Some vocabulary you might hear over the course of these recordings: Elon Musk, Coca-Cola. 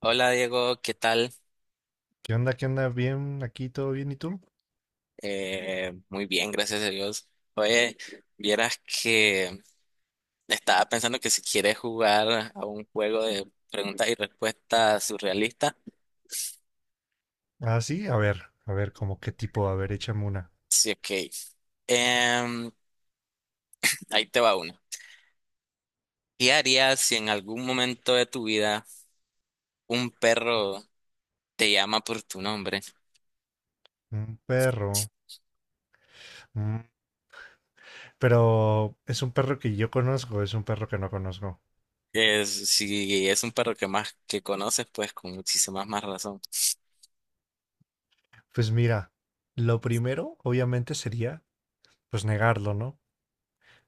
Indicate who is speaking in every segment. Speaker 1: Hola Diego, ¿qué tal?
Speaker 2: ¿Qué onda? ¿Qué onda? ¿Bien? ¿Aquí todo bien? ¿Y tú?
Speaker 1: Muy bien, gracias a Dios. Oye, vieras que estaba pensando que si quieres jugar a un juego de preguntas y respuestas surrealistas,
Speaker 2: Ah, sí, a ver, como qué tipo, a ver, échame una.
Speaker 1: sí, ok. Em, Ahí te va una. ¿Qué harías si en algún momento de tu vida un perro te llama por tu nombre?
Speaker 2: Un perro. mm, Pero es un perro que yo conozco, es un perro que no conozco.
Speaker 1: Si es un perro que más que conoces, pues con muchísima más razón.
Speaker 2: Pues mira, lo primero, obviamente, sería, pues negarlo, ¿no?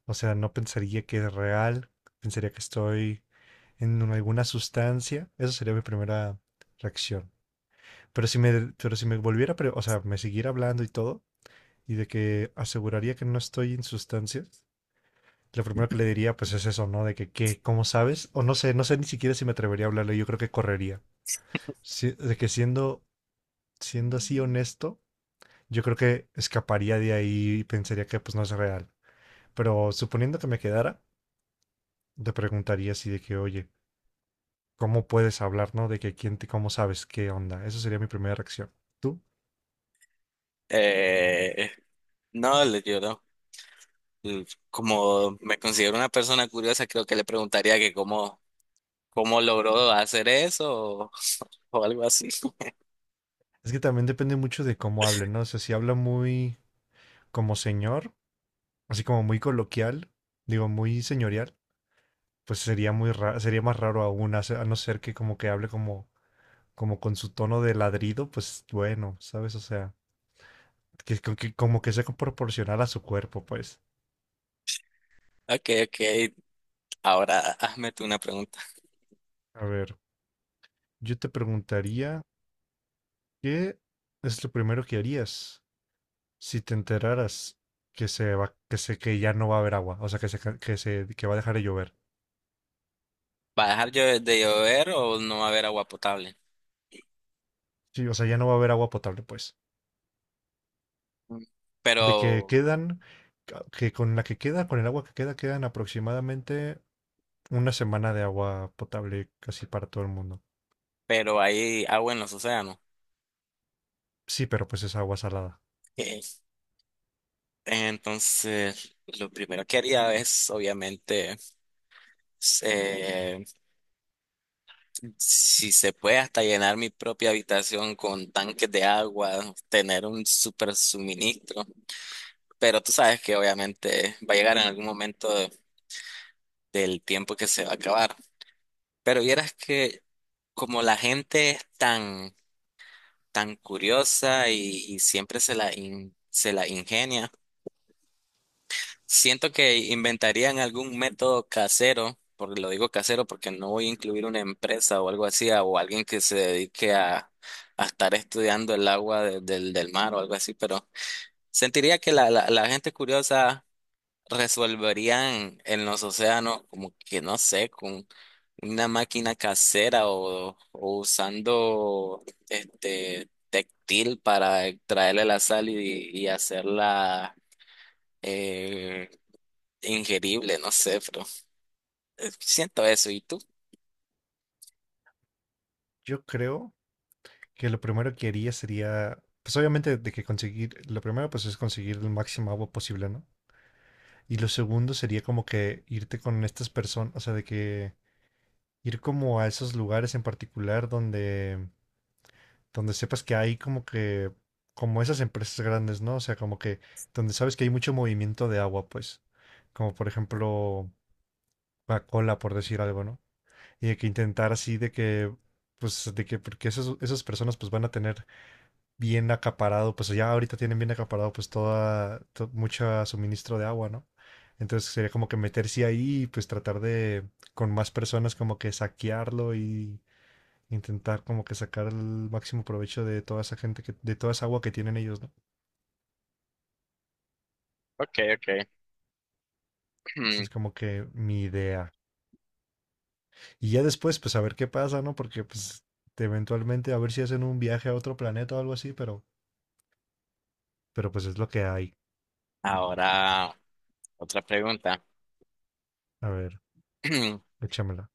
Speaker 2: O sea, no pensaría que es real, pensaría que estoy alguna sustancia. Eso sería mi primera reacción. Pero pero si me volviera, o sea, me siguiera hablando y todo, y de que aseguraría que no estoy en sustancias. Lo primero que le diría pues es eso, ¿no? De que, qué, ¿cómo sabes? O no sé, no sé ni siquiera si me atrevería a hablarle, yo creo que correría. De que siendo, siendo así honesto, yo creo que escaparía de ahí y pensaría que pues no es real. Pero suponiendo que me quedara, te preguntaría así de que, oye, ¿cómo puedes hablar, no? De que quién te, cómo sabes qué onda. Esa sería mi primera reacción. ¿Tú?
Speaker 1: Eh, no, le lloró. eh, Como me considero una persona curiosa, creo que le preguntaría que cómo logró hacer eso o, o algo así.
Speaker 2: Es que también depende mucho de cómo hable, ¿no? O sea, si habla muy como señor, así como muy coloquial, digo, muy señorial. Pues sería muy raro, sería más raro aún, a no ser que como que hable como, como con su tono de ladrido, pues bueno, ¿sabes? O sea, que, que como que sea proporcional a su cuerpo, pues.
Speaker 1: Ok, ok. Ahora hazme tú una pregunta.
Speaker 2: A ver, yo te preguntaría, ¿qué es lo primero que harías si te enteraras que se va, que se, que ya no va a haber agua? O sea, que se, que se, que va a dejar de llover.
Speaker 1: ¿Va a dejar de llover o no va a haber agua potable?
Speaker 2: Sí, o sea, ya no va a haber agua potable, pues.
Speaker 1: Mm.
Speaker 2: De que
Speaker 1: Pero,
Speaker 2: quedan, que con la que queda, con el agua que queda, quedan aproximadamente una semana de agua potable casi para todo el mundo.
Speaker 1: pero hay agua en los océanos.
Speaker 2: Sí, pero pues es agua salada.
Speaker 1: Ok. Entonces, lo primero que haría es, obviamente, eh, si se puede hasta llenar mi propia habitación con tanques de agua, tener un super suministro. Pero tú sabes que obviamente va a llegar en algún momento del tiempo que se va a acabar. Pero vieras que como la gente es tan curiosa y siempre se la ingenia, siento que inventarían algún método casero, porque lo digo casero porque no voy a incluir una empresa o algo así, o alguien que se dedique a estar estudiando el agua del mar o algo así, pero sentiría que la gente curiosa resolverían en los océanos, como que no sé, con una máquina casera o usando este textil para extraerle la sal y hacerla eh, ingerible, no sé, pero siento eso. ¿Y tú?
Speaker 2: Yo creo que lo primero que haría sería, pues obviamente de que conseguir, lo primero pues es conseguir el máximo agua posible, ¿no? Y lo segundo sería como que irte con estas personas, o sea, de que ir como a esos lugares en particular donde, donde sepas que hay como que, como esas empresas grandes, ¿no? O sea, como que donde sabes que hay mucho movimiento de agua, pues, como por ejemplo Coca-Cola, por decir algo, ¿no? Y de que intentar así de que, pues, de que, porque esas, esas personas pues van a tener bien acaparado, pues ya ahorita tienen bien acaparado pues toda, mucho suministro de agua, ¿no? Entonces sería como que meterse ahí y pues tratar de con más personas como que saquearlo y intentar como que sacar el máximo provecho de toda esa gente que, de toda esa agua que tienen ellos, ¿no?
Speaker 1: ¿Qué?
Speaker 2: Esa es como que mi idea. Y ya después, pues a ver qué pasa, ¿no? Porque pues eventualmente a ver si hacen un viaje a otro planeta o algo así, pero pues es lo que hay.
Speaker 1: Ahora, otra pregunta.
Speaker 2: A ver, échamela.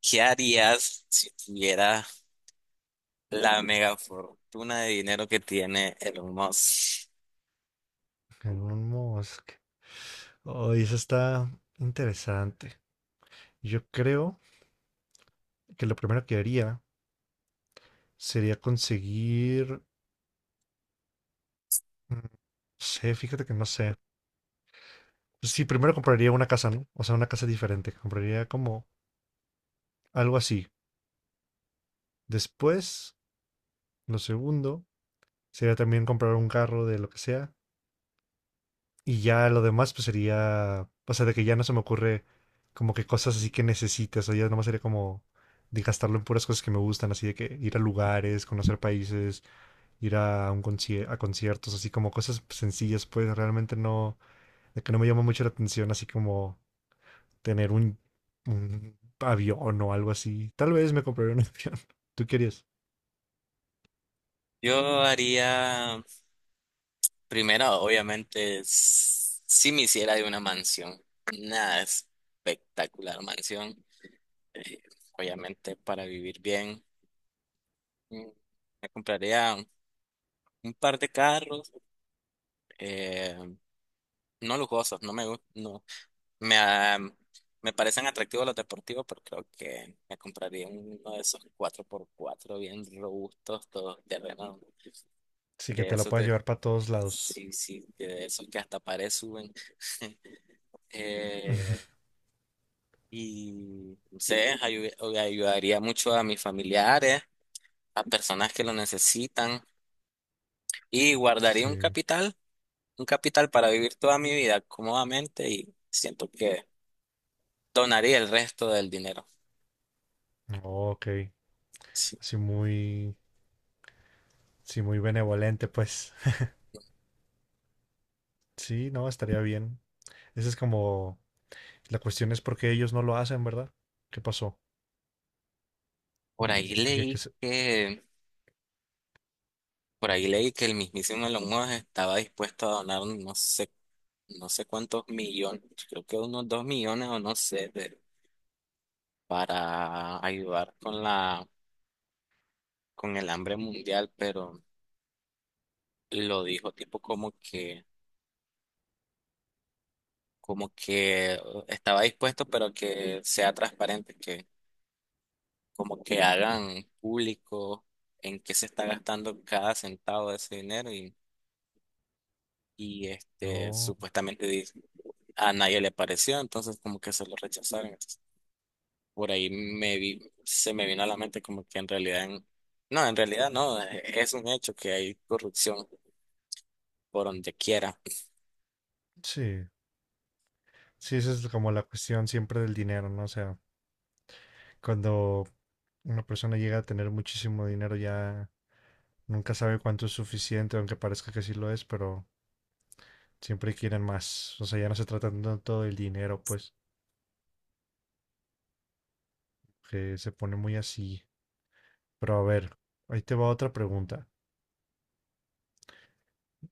Speaker 1: ¿Qué harías si tuvieras la mega fortuna de dinero que tiene Elon Musk?
Speaker 2: Elon Musk. Oh, eso está interesante. Yo creo que lo primero que haría sería conseguir. No sé, fíjate que no sé. Pues sí, primero compraría una casa, ¿no? O sea, una casa diferente. Compraría como algo así. Después, lo segundo, sería también comprar un carro de lo que sea. Y ya lo demás, pues sería, o sea, de que ya no se me ocurre como que cosas así que necesites, o ya nomás sería como de gastarlo en puras cosas que me gustan, así de que ir a lugares, conocer países, ir a a conciertos, así como cosas sencillas, pues realmente no, de que no me llama mucho la atención, así como tener un avión o algo así. Tal vez me compraré un avión. ¿Tú querías?
Speaker 1: Yo haría. Primero, obviamente, sí me hiciera de una mansión, una espectacular mansión, eh, obviamente para vivir bien. mm, Me compraría un par de carros, eh, no lujosos, no, me, ah, me parecen atractivos los deportivos, pero creo que me compraría uno de esos 4x4 bien robustos, todos terrenos,
Speaker 2: Sí, que
Speaker 1: de
Speaker 2: te la
Speaker 1: esos
Speaker 2: puedas
Speaker 1: de,
Speaker 2: llevar para todos lados.
Speaker 1: sí, sí, de esos que hasta pared suben. Eh, Y no sé, ayudaría mucho a mis familiares, a personas que lo necesitan y guardaría un
Speaker 2: Sí.
Speaker 1: capital, un capital para vivir toda mi vida cómodamente y siento que donaría el resto del dinero.
Speaker 2: Oh, ok.
Speaker 1: Sí.
Speaker 2: Así muy... Sí, muy benevolente, pues. Sí, no, estaría bien. Esa es como... La cuestión es por qué ellos no lo hacen, ¿verdad? ¿Qué pasó?
Speaker 1: Por ahí
Speaker 2: Tenía que
Speaker 1: leí
Speaker 2: ser...
Speaker 1: que, por ahí leí que el mismísimo Elon Musk estaba dispuesto a donar no sé cuántos millones, creo que unos 2 millones o no sé, para ayudar con con el hambre mundial, pero lo dijo, tipo como que estaba dispuesto, pero que sea transparente, que como que hagan público en qué se está gastando cada centavo de ese dinero y
Speaker 2: No,
Speaker 1: supuestamente a nadie le pareció, entonces como que se lo rechazaron. Entonces, por ahí me vi, se me vino a la mente como que en realidad, no, en realidad no, es un hecho que hay corrupción por donde quiera.
Speaker 2: sí. Sí, esa es como la cuestión siempre del dinero, ¿no? O sea, cuando una persona llega a tener muchísimo dinero ya nunca sabe cuánto es suficiente, aunque parezca que sí lo es, pero siempre quieren más. O sea, ya no se trata tanto del dinero, pues, que se pone muy así. Pero a ver, ahí te va otra pregunta.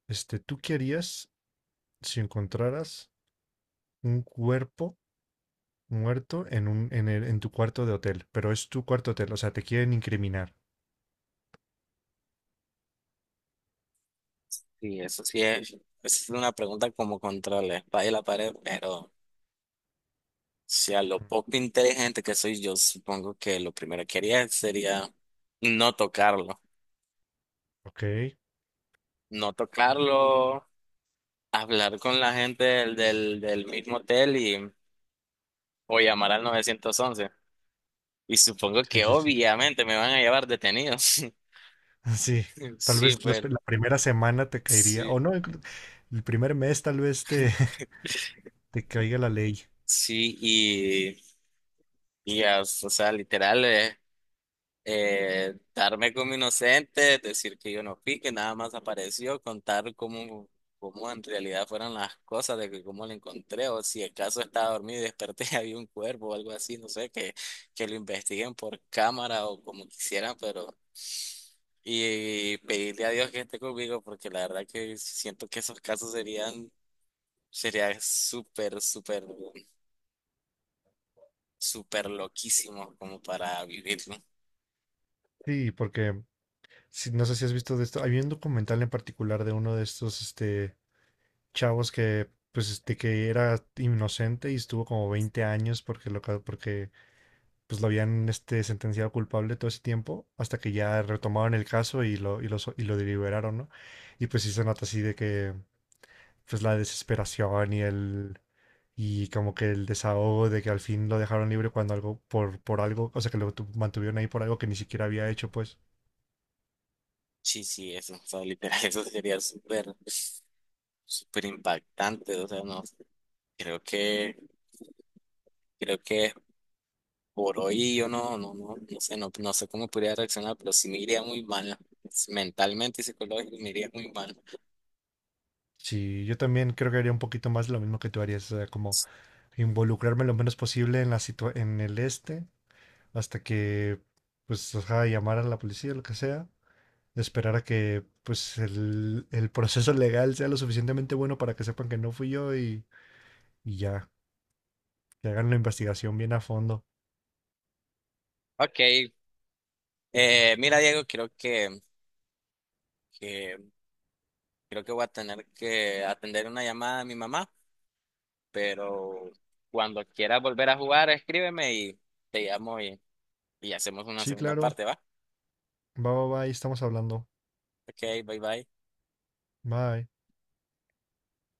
Speaker 2: Este, ¿tú qué harías si encontraras un cuerpo muerto en un, en tu cuarto de hotel, pero es tu cuarto hotel, o sea, te quieren incriminar.
Speaker 1: Y eso sí es una pregunta como contra la espada y la pared, pero si a lo
Speaker 2: Mm,
Speaker 1: poco inteligente que soy yo, supongo que lo primero que haría sería no tocarlo.
Speaker 2: ok,
Speaker 1: No tocarlo, hablar con la gente del mismo hotel y, o llamar al 911. Y supongo
Speaker 2: sí,
Speaker 1: que
Speaker 2: sí, sí.
Speaker 1: obviamente me van a llevar detenidos.
Speaker 2: Sí, tal
Speaker 1: Sí,
Speaker 2: vez
Speaker 1: pero
Speaker 2: la primera semana te caería, o
Speaker 1: sí,
Speaker 2: no, el primer mes tal vez te, te caiga la ley.
Speaker 1: sí, y ya, o sea, literal, darme como inocente, decir que yo no fui, que nada más apareció, contar cómo en realidad fueron las cosas, de que cómo lo encontré, o si el caso estaba dormido y desperté y había un cuerpo o algo así, no sé, que lo investiguen por cámara o como quisieran, pero. Y pedirle a Dios que esté conmigo, porque la verdad que siento que esos casos sería súper, súper, súper loquísimos como para vivirlo.
Speaker 2: Sí, porque si, no sé si has visto de esto, había un documental en particular de uno de estos, este, chavos que, pues, este, que era inocente y estuvo como 20 años porque porque pues lo habían este, sentenciado culpable todo ese tiempo, hasta que ya retomaron el caso y lo, y lo, y lo deliberaron, ¿no? Y pues sí se nota así de que, pues la desesperación y el, y como que el desahogo de que al fin lo dejaron libre cuando algo, por algo, o sea, que mantuvieron ahí por algo que ni siquiera había hecho, pues.
Speaker 1: Sí, sí, eso, o sea, literal, eso sería súper, súper impactante, o sea, no, creo que, creo que por hoy yo no, no, no, no sé, no, no sé cómo podría reaccionar, pero sí me iría muy mal, mentalmente y psicológicamente me iría muy mal.
Speaker 2: Sí, yo también creo que haría un poquito más lo mismo que tú harías, o sea, como involucrarme lo menos posible en la en el este, hasta que, pues, ajá, llamar a la policía, lo que sea, esperar a que pues el proceso legal sea lo suficientemente bueno para que sepan que no fui yo y ya, que hagan la investigación bien a fondo.
Speaker 1: Ok, mira Diego, que, creo que voy a tener que atender una llamada a mi mamá, pero cuando quieras volver a jugar, escríbeme y te llamo y hacemos una
Speaker 2: Sí,
Speaker 1: segunda
Speaker 2: claro.
Speaker 1: parte, ¿va?
Speaker 2: Va, va, va, ahí estamos hablando.
Speaker 1: Ok, bye bye.
Speaker 2: Bye.